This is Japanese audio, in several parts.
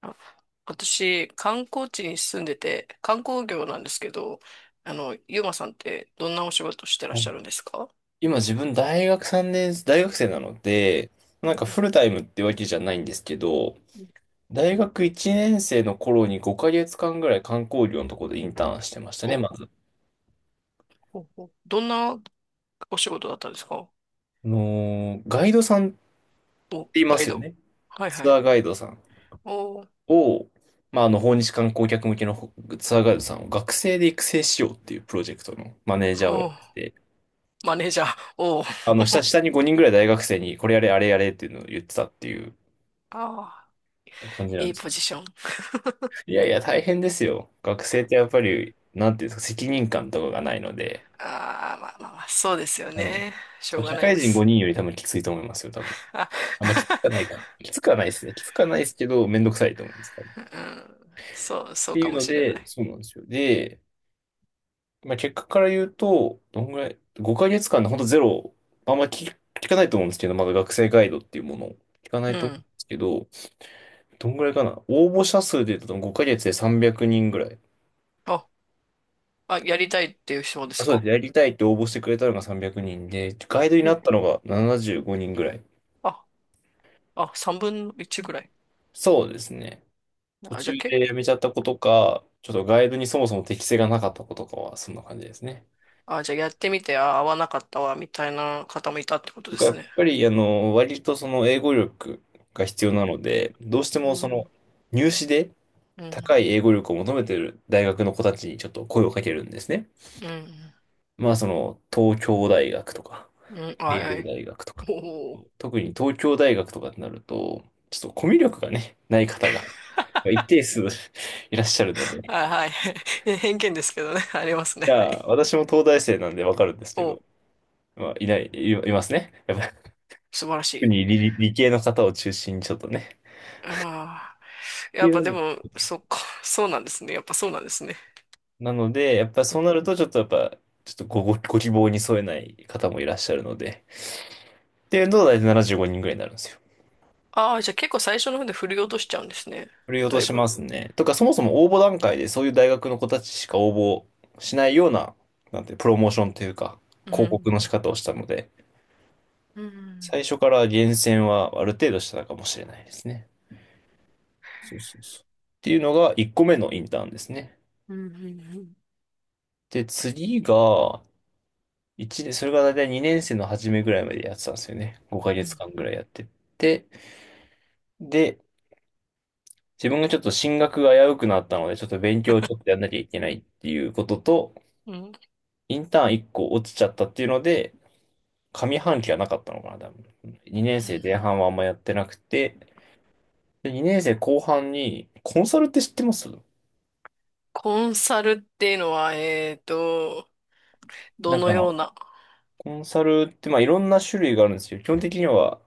あ、私、観光地に住んでて、観光業なんですけど、ゆうまさんってどんなお仕事してらっしゃるんあ、ですか？今自分大学3年、大学生なので、うなんん。かフルタイムってわけじゃないんですけど、うん。大学1年生の頃に5ヶ月間ぐらい観光業のところでインターンしてましたね、お、まず。お、どんなお仕事だったんですか？ガイドさんっお、ていまガイすよド。ね。はいはツい。アーガイドさんおー。を、まあ、訪日観光客向けのほツアーガイドさんを学生で育成しようっていうプロジェクトのマネージャーをやおってー、て、マネージャー。おー、下に5人ぐらい大学生にこれやれ、あれやれっていうのを言ってたっていうあ感じー、なんいいです。ポジション。いやいや、大変ですよ。学生ってやっぱり、なんていうんですか、責任感とかがないので、ああ、まあまあまあ、そうですよあの、ね。しょうが社ない会で人す。5人より多分きついと思いますよ、多分。あ、あんまきつくはない か。きつくはないですね。きつくはないですけど、めんどくさいと思います、多分。っうん、そう、そてうかいうものしれなで、い。そうなんですよ。で、まあ、結果から言うと、どんぐらい、5ヶ月間で本当ゼロ、あんまり聞かないと思うんですけど、まだ学生ガイドっていうものを聞かなういと思うんん。ですけど、どんぐらいかな。応募者数で言うと5ヶ月で300人ぐらい。あ、あ、やりたいっていう人であ、すそうでか？す。やりたいって応募してくれたのが300人で、ガイドになえ、ったのが75人ぐらい。ああ、3分の1ぐらい。そうですね。途あ、じ中ゃあけ、で辞めちゃった子とか、ちょっとガイドにそもそも適性がなかった子とかは、そんな感じですね。あ、じゃあやってみて、あ、合わなかったわ、みたいな方もいたってこととでか、やすっね。ぱり、割とその英語力が必要なので、どうしてうもそのん、入試でうん、高い英語力を求めてる大学の子たちにちょっと声をかけるんですね。うん、まあ、その、東京大学とか、うん、あ、慶は応い。大学とか、おお。特に東京大学とかになると、ちょっとコミュ力がね、ない方が一定数 いらっしゃるので、あ、はい。偏見ですけどね、ありますね。じはい。ゃあ、私も東大生なんでわかるんですけど、お、まあ、いない、いますね。やっぱり、素晴らし特い。に理系の方を中心にちょっとね、っああ、てやっいうぱのでもも、そっか、そうなんですね。やっぱそうなんですね。なので、やっぱそうなると、ちょっとやっぱ、ちょっとご希望に添えない方もいらっしゃるので。っていうのと、大体75人ぐらいになるんですよ。ああ、じゃあ結構最初の方で振り落としちゃうんですね。振り落だといしぶ。ますね。とか、そもそも応募段階でそういう大学の子たちしか応募しないような、なんて、プロモーションというか、う広ん、告の仕方をしたので、うん、最初から厳選はある程度してたかもしれないですね。そうそうそう。っていうのが1個目のインターンですね。うん、うん、で、次が、1年、それが大体2年生の初めぐらいまでやってたんですよね。5うヶん。月間ぐらいやってて、で、自分がちょっと進学が危うくなったので、ちょっと勉強をちょっとやんなきゃいけないっていうことと、うん、インターン1個落ちちゃったっていうので、上半期はなかったのかな、多分。2年生前半はあんまやってなくて、で、2年生後半に、コンサルって知ってます？コンサルっていうのは、どなんのかまあ、ような、コンサルってまあいろんな種類があるんですよ。基本的には、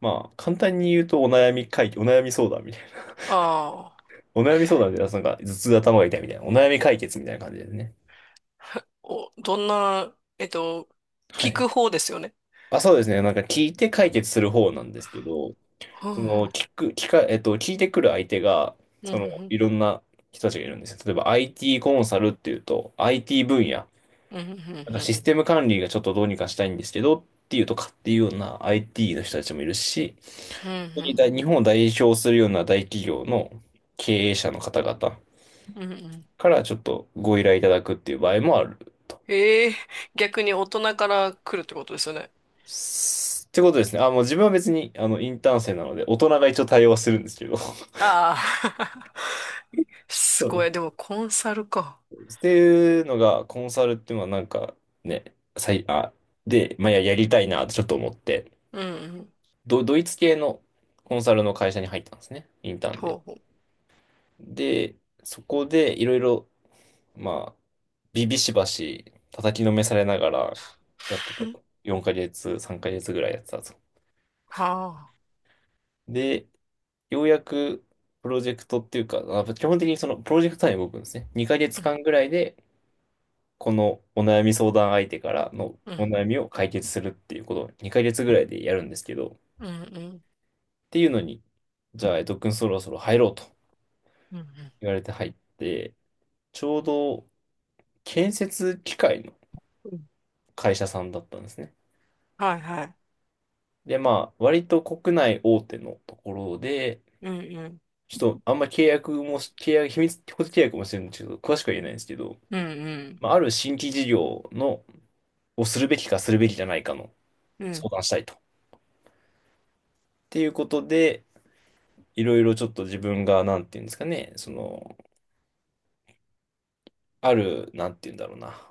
まあ簡単に言うとお悩み解決、お悩み相談みたいな。ああ、お悩み相談でなんか頭痛頭が痛いみたいな。お悩み解決みたいな感じですね。お、どんな、は聞い。く方ですよね。あ、そうですね。なんか聞いて解決する方なんですけど、はそのあ。聞く、聞か、えっと、聞いてくる相手が、うんその、ういんろんな人たちがいるんですよ。例えば IT コンサルっていうと、IT 分野、うんうんうなんかんシステム管理がちょっとどうにかしたいんですけど、っていうとかっていうような IT の人たちもいるし、う本当にん大日本を代表するような大企業の経営者の方々うんうん。からちょっとご依頼いただくっていう場合もあると。ええ。逆に大人から来るってことですよね？ってことですね。あ、もう自分は別に、インターン生なので、大人が一応対応はするんですけど。ああ、すごい。でもコンサルか。っていうのが、コンサルっていうのはなんかね、さい、あ、で、まあ、や、やりたいなってちょっと思って、うんうん。ドイツ系のコンサルの会社に入ったんですね、インターンほで。うほう。で、そこでいろいろ、まあ、ビビしばし叩きのめされながらやってたと。4ヶ月、3ヶ月ぐらいやってたと。はで、ようやくプロジェクトっていうか、あ基本的にそのプロジェクト単位で動くんですね。2ヶ月あ。間ぐらいでこのお悩み相談相手からのうんうおん悩みを解決するっていうことを2ヶ月ぐらいでやるんですけど、っうんうんていうのに、じゃあ、江戸くんそろそろ入ろうとうんう言われて入って、ちょうど建設機械のんうん。会社さんだったんですね。はいはい。で、まあ、割と国内大手のところで、うんうんちょっとあんま契約もし、契約、秘密、個人契約もしてるんですけど、詳しくは言えないんですけど、うんうんまあ、ある新規事業の、をするべきかするべきじゃないかのう相ん。談したいと。っていうことで、いろいろちょっと自分が、なんていうんですかね、その、ある、なんていうんだろうな。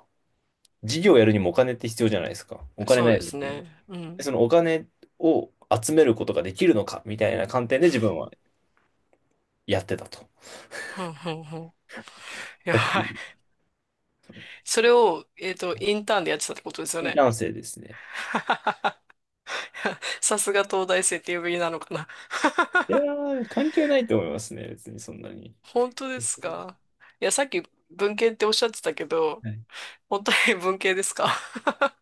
事業をやるにもお金って必要じゃないですか。お金そうないでとですきない。ね。うでん。そのお金を集めることができるのか、みたいな観点で自分はやってたと。ふんふんふん。いや、ざっくり。それを、インターンでやってたってことですよインね？ターン生ですね。さすが東大生って呼びなのかな。いやー、関係ないと思いますね。別にそんなに。本当ですか？いや、さっき文系っておっしゃってたけど、はい、本当に文系ですか？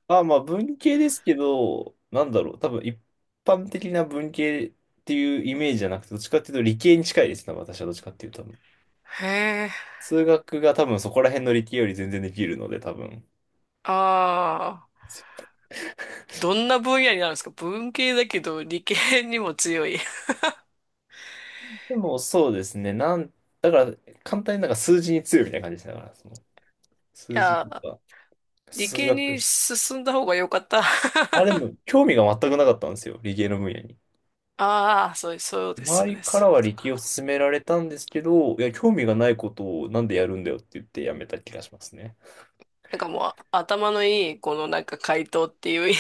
まあまあ、文系ですけど、なんだろう。多分一般的な文系っていうイメージじゃなくて、どっちかっていうと理系に近いですね。私はどっちかっていうと。へえ、数学が多分そこら辺の理系より全然できるので、多分。ああ、どんな分野になるんですか？文系だけど理系にも強い。いでもそうですね。だから簡単になんか数字に強いみたいな感じでしから、その数字とや、か理数系に学。進んだ方が良かった。あ、でも興味が全くなかったんですよ。理系の分野に。ああ、そう、そうです周よりね。かそうらいうはこと理系をか。勧められたんですけど、いや、興味がないことをなんでやるんだよって言ってやめた気がしますね。なんかもう頭のいいこのなんか回答っていう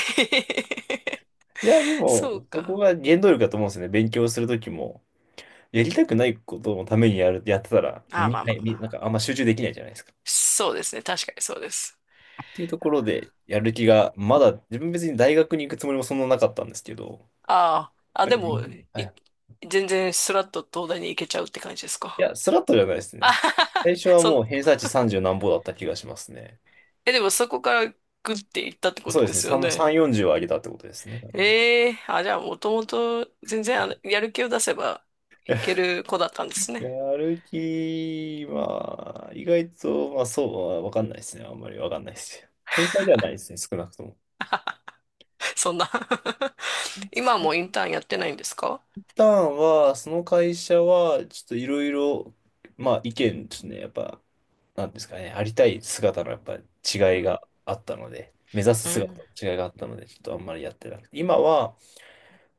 いや、で そうも、そこか。が原動力だと思うんですよね。勉強するときも。やりたくないことのためにやる、やってたら、身あ、まに、あはまいあまみなんあ。かあんま集中できないじゃないですか。そうですね。確かにそうです。っていうところで、やる気が、まだ、自分別に大学に行くつもりもそんななかったんですけど、ああ、あ、なんでか、も、はい。い、全然スラッと東大に行けちゃうって感じですいか？や、スラッとじゃないです あね。はは最は初はそん、もう偏差値30何ぼだった気がしますね。え、でもそこからグッて行ったってこそうとでですね。すよ3、ね？3、40は上げたってことですね。だからええ、あ、じゃあもともと全然やる気を出せばいける子だったんですね。やる気、まあ、意外と、まあそう、わかんないですね。あんまりわかんないですよ。天才ではないですね、少なくとも。そんな 今はもうイ一ンターンやってないんですか？旦は、その会社は、ちょっといろいろ、まあ意見ですね。やっぱ、なんですかね、ありたい姿のやっぱりう違いん。があったので、目指すう姿ん。の違いがあったので、ちょっとあんまりやってなくて、今は、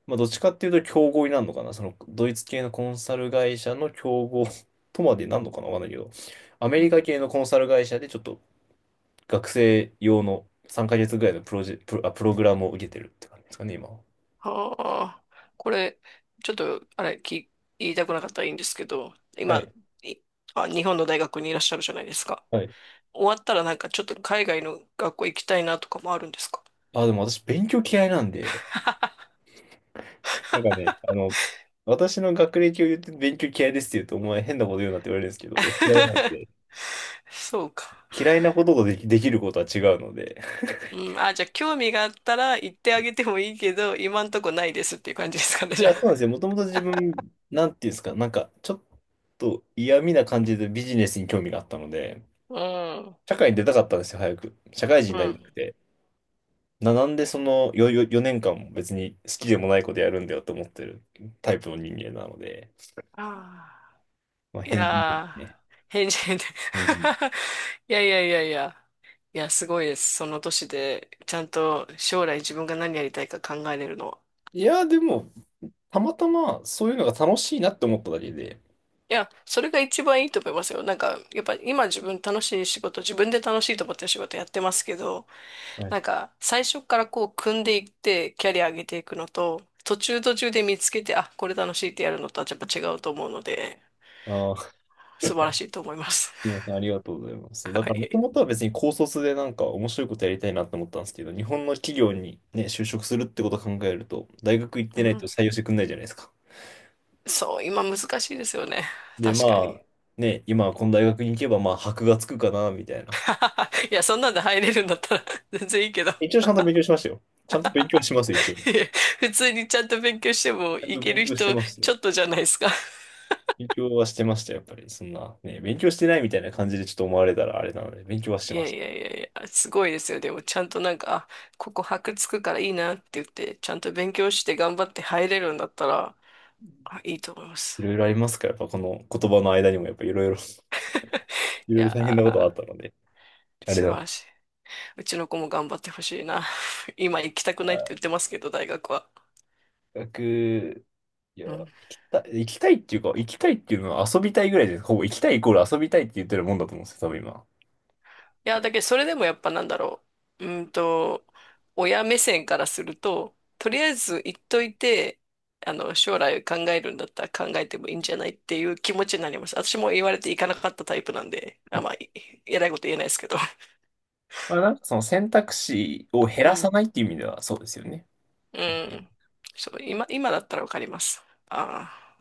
まあ、どっちかっていうと競合になるのかな、そのドイツ系のコンサル会社の競合 とまでなんのかな、わかんないけど、アメリカ系のコンサル会社でちょっと学生用の3ヶ月ぐらいのプロジェ、プロ、あ、プログラムを受けてるって感じですかね、今は。はあ、これ、ちょっと、あれ、言いたくなかったらいいんですけど、は今、い。い日本の大学にいらっしゃるじゃないですか。はい。終わったらなんかちょっと海外の学校行きたいなとかもあるんですか？ あ、でも私勉強嫌いなんで、なんかね、私の学歴を言って勉強嫌いですって言うと、お前変なこと言うなって言われるんですけど、いや、嫌いなんで。そうか。嫌いなこととできることは違うので。うん、あ、じゃあ興味があったら行ってあげてもいいけど、今んとこないですっていう感じですかね、いじゃや、そうなんあ。ですよ。もともと自分、なんていうんですか、なんか、ちょっと嫌味な感じでビジネスに興味があったので、う社会に出たかったんですよ、早く。社会人ん、うになりたくん。て。なんでそのよよ4年間も別に好きでもないことやるんだよと思ってるタイプの人間なので、ああ、まあ、い変人ですやね。ー、返事、変人。いやいやいやいや。いや、すごいです。その年で、ちゃんと将来自分が何やりたいか考えれるのは。いや、でも、たまたまそういうのが楽しいなって思っただけで、いや、それが一番いいと思いますよ。なんか、やっぱ今自分楽しい仕事、自分で楽しいと思ってる仕事やってますけど、はい、なんか、最初からこう、組んでいって、キャリア上げていくのと、途中途中で見つけて、あ、これ楽しいってやるのとはやっぱ違うと思うので、あ、素晴らしいと思います。すみま せん、ありがとうございます。そう、だはから、もとい。もとは別に高卒でなんか面白いことやりたいなと思ったんですけど、日本の企業にね、就職するってことを考えると、大学行っうてないとん。採用してくんないじゃないですか。そう、今難しいですよね。で、確かまに。あ、ね、今この大学に行けば、まあ、箔がつくかな、みたいな。いや、そんなんで入れるんだったら 全然いいけど。一応ちゃんと勉強しましたよ。ちゃんと勉強します、一応。ち いや、普通にちゃんと勉強してもゃんいとけ勉る強して人ますよ。ちょっとじゃないですか？勉強はしてました、やっぱり。そんな、ね、勉強してないみたいな感じでちょっと思われたらあれなので、勉強はしていまやしいた。やいやいや、すごいですよ。でもちゃんとなんか、あ、ここ箔つくからいいなって言って、ちゃんと勉強して頑張って入れるんだったら、あ、いいと思います。いろいろありますから、やっぱこの言葉の間にも、やっぱいろいろ、いろいいろ大変なことがあやったー、ので、あれ素だ。晴らしい。うちの子も頑張ってほしいな。今行きたくないって言ってますけど、大学は。学、いや、う行ん、きたい、行きたいっていうか、行きたいっていうのは遊びたいぐらいで、ほぼ行きたいイコール遊びたいって言ってるもんだと思うんですよ、多分今。いや、だけどそれでもやっぱなんだろう。親目線からすると、とりあえず言っといて、将来考えるんだったら考えてもいいんじゃないっていう気持ちになります。私も言われていかなかったタイプなんで、あ、まあ、い 偉いこと言えないですけど。まあなんかその選択肢を減うらさん。ないっていう意味ではそうですよね。ううん確かに。ん。そう、今だったらわかります。ああ。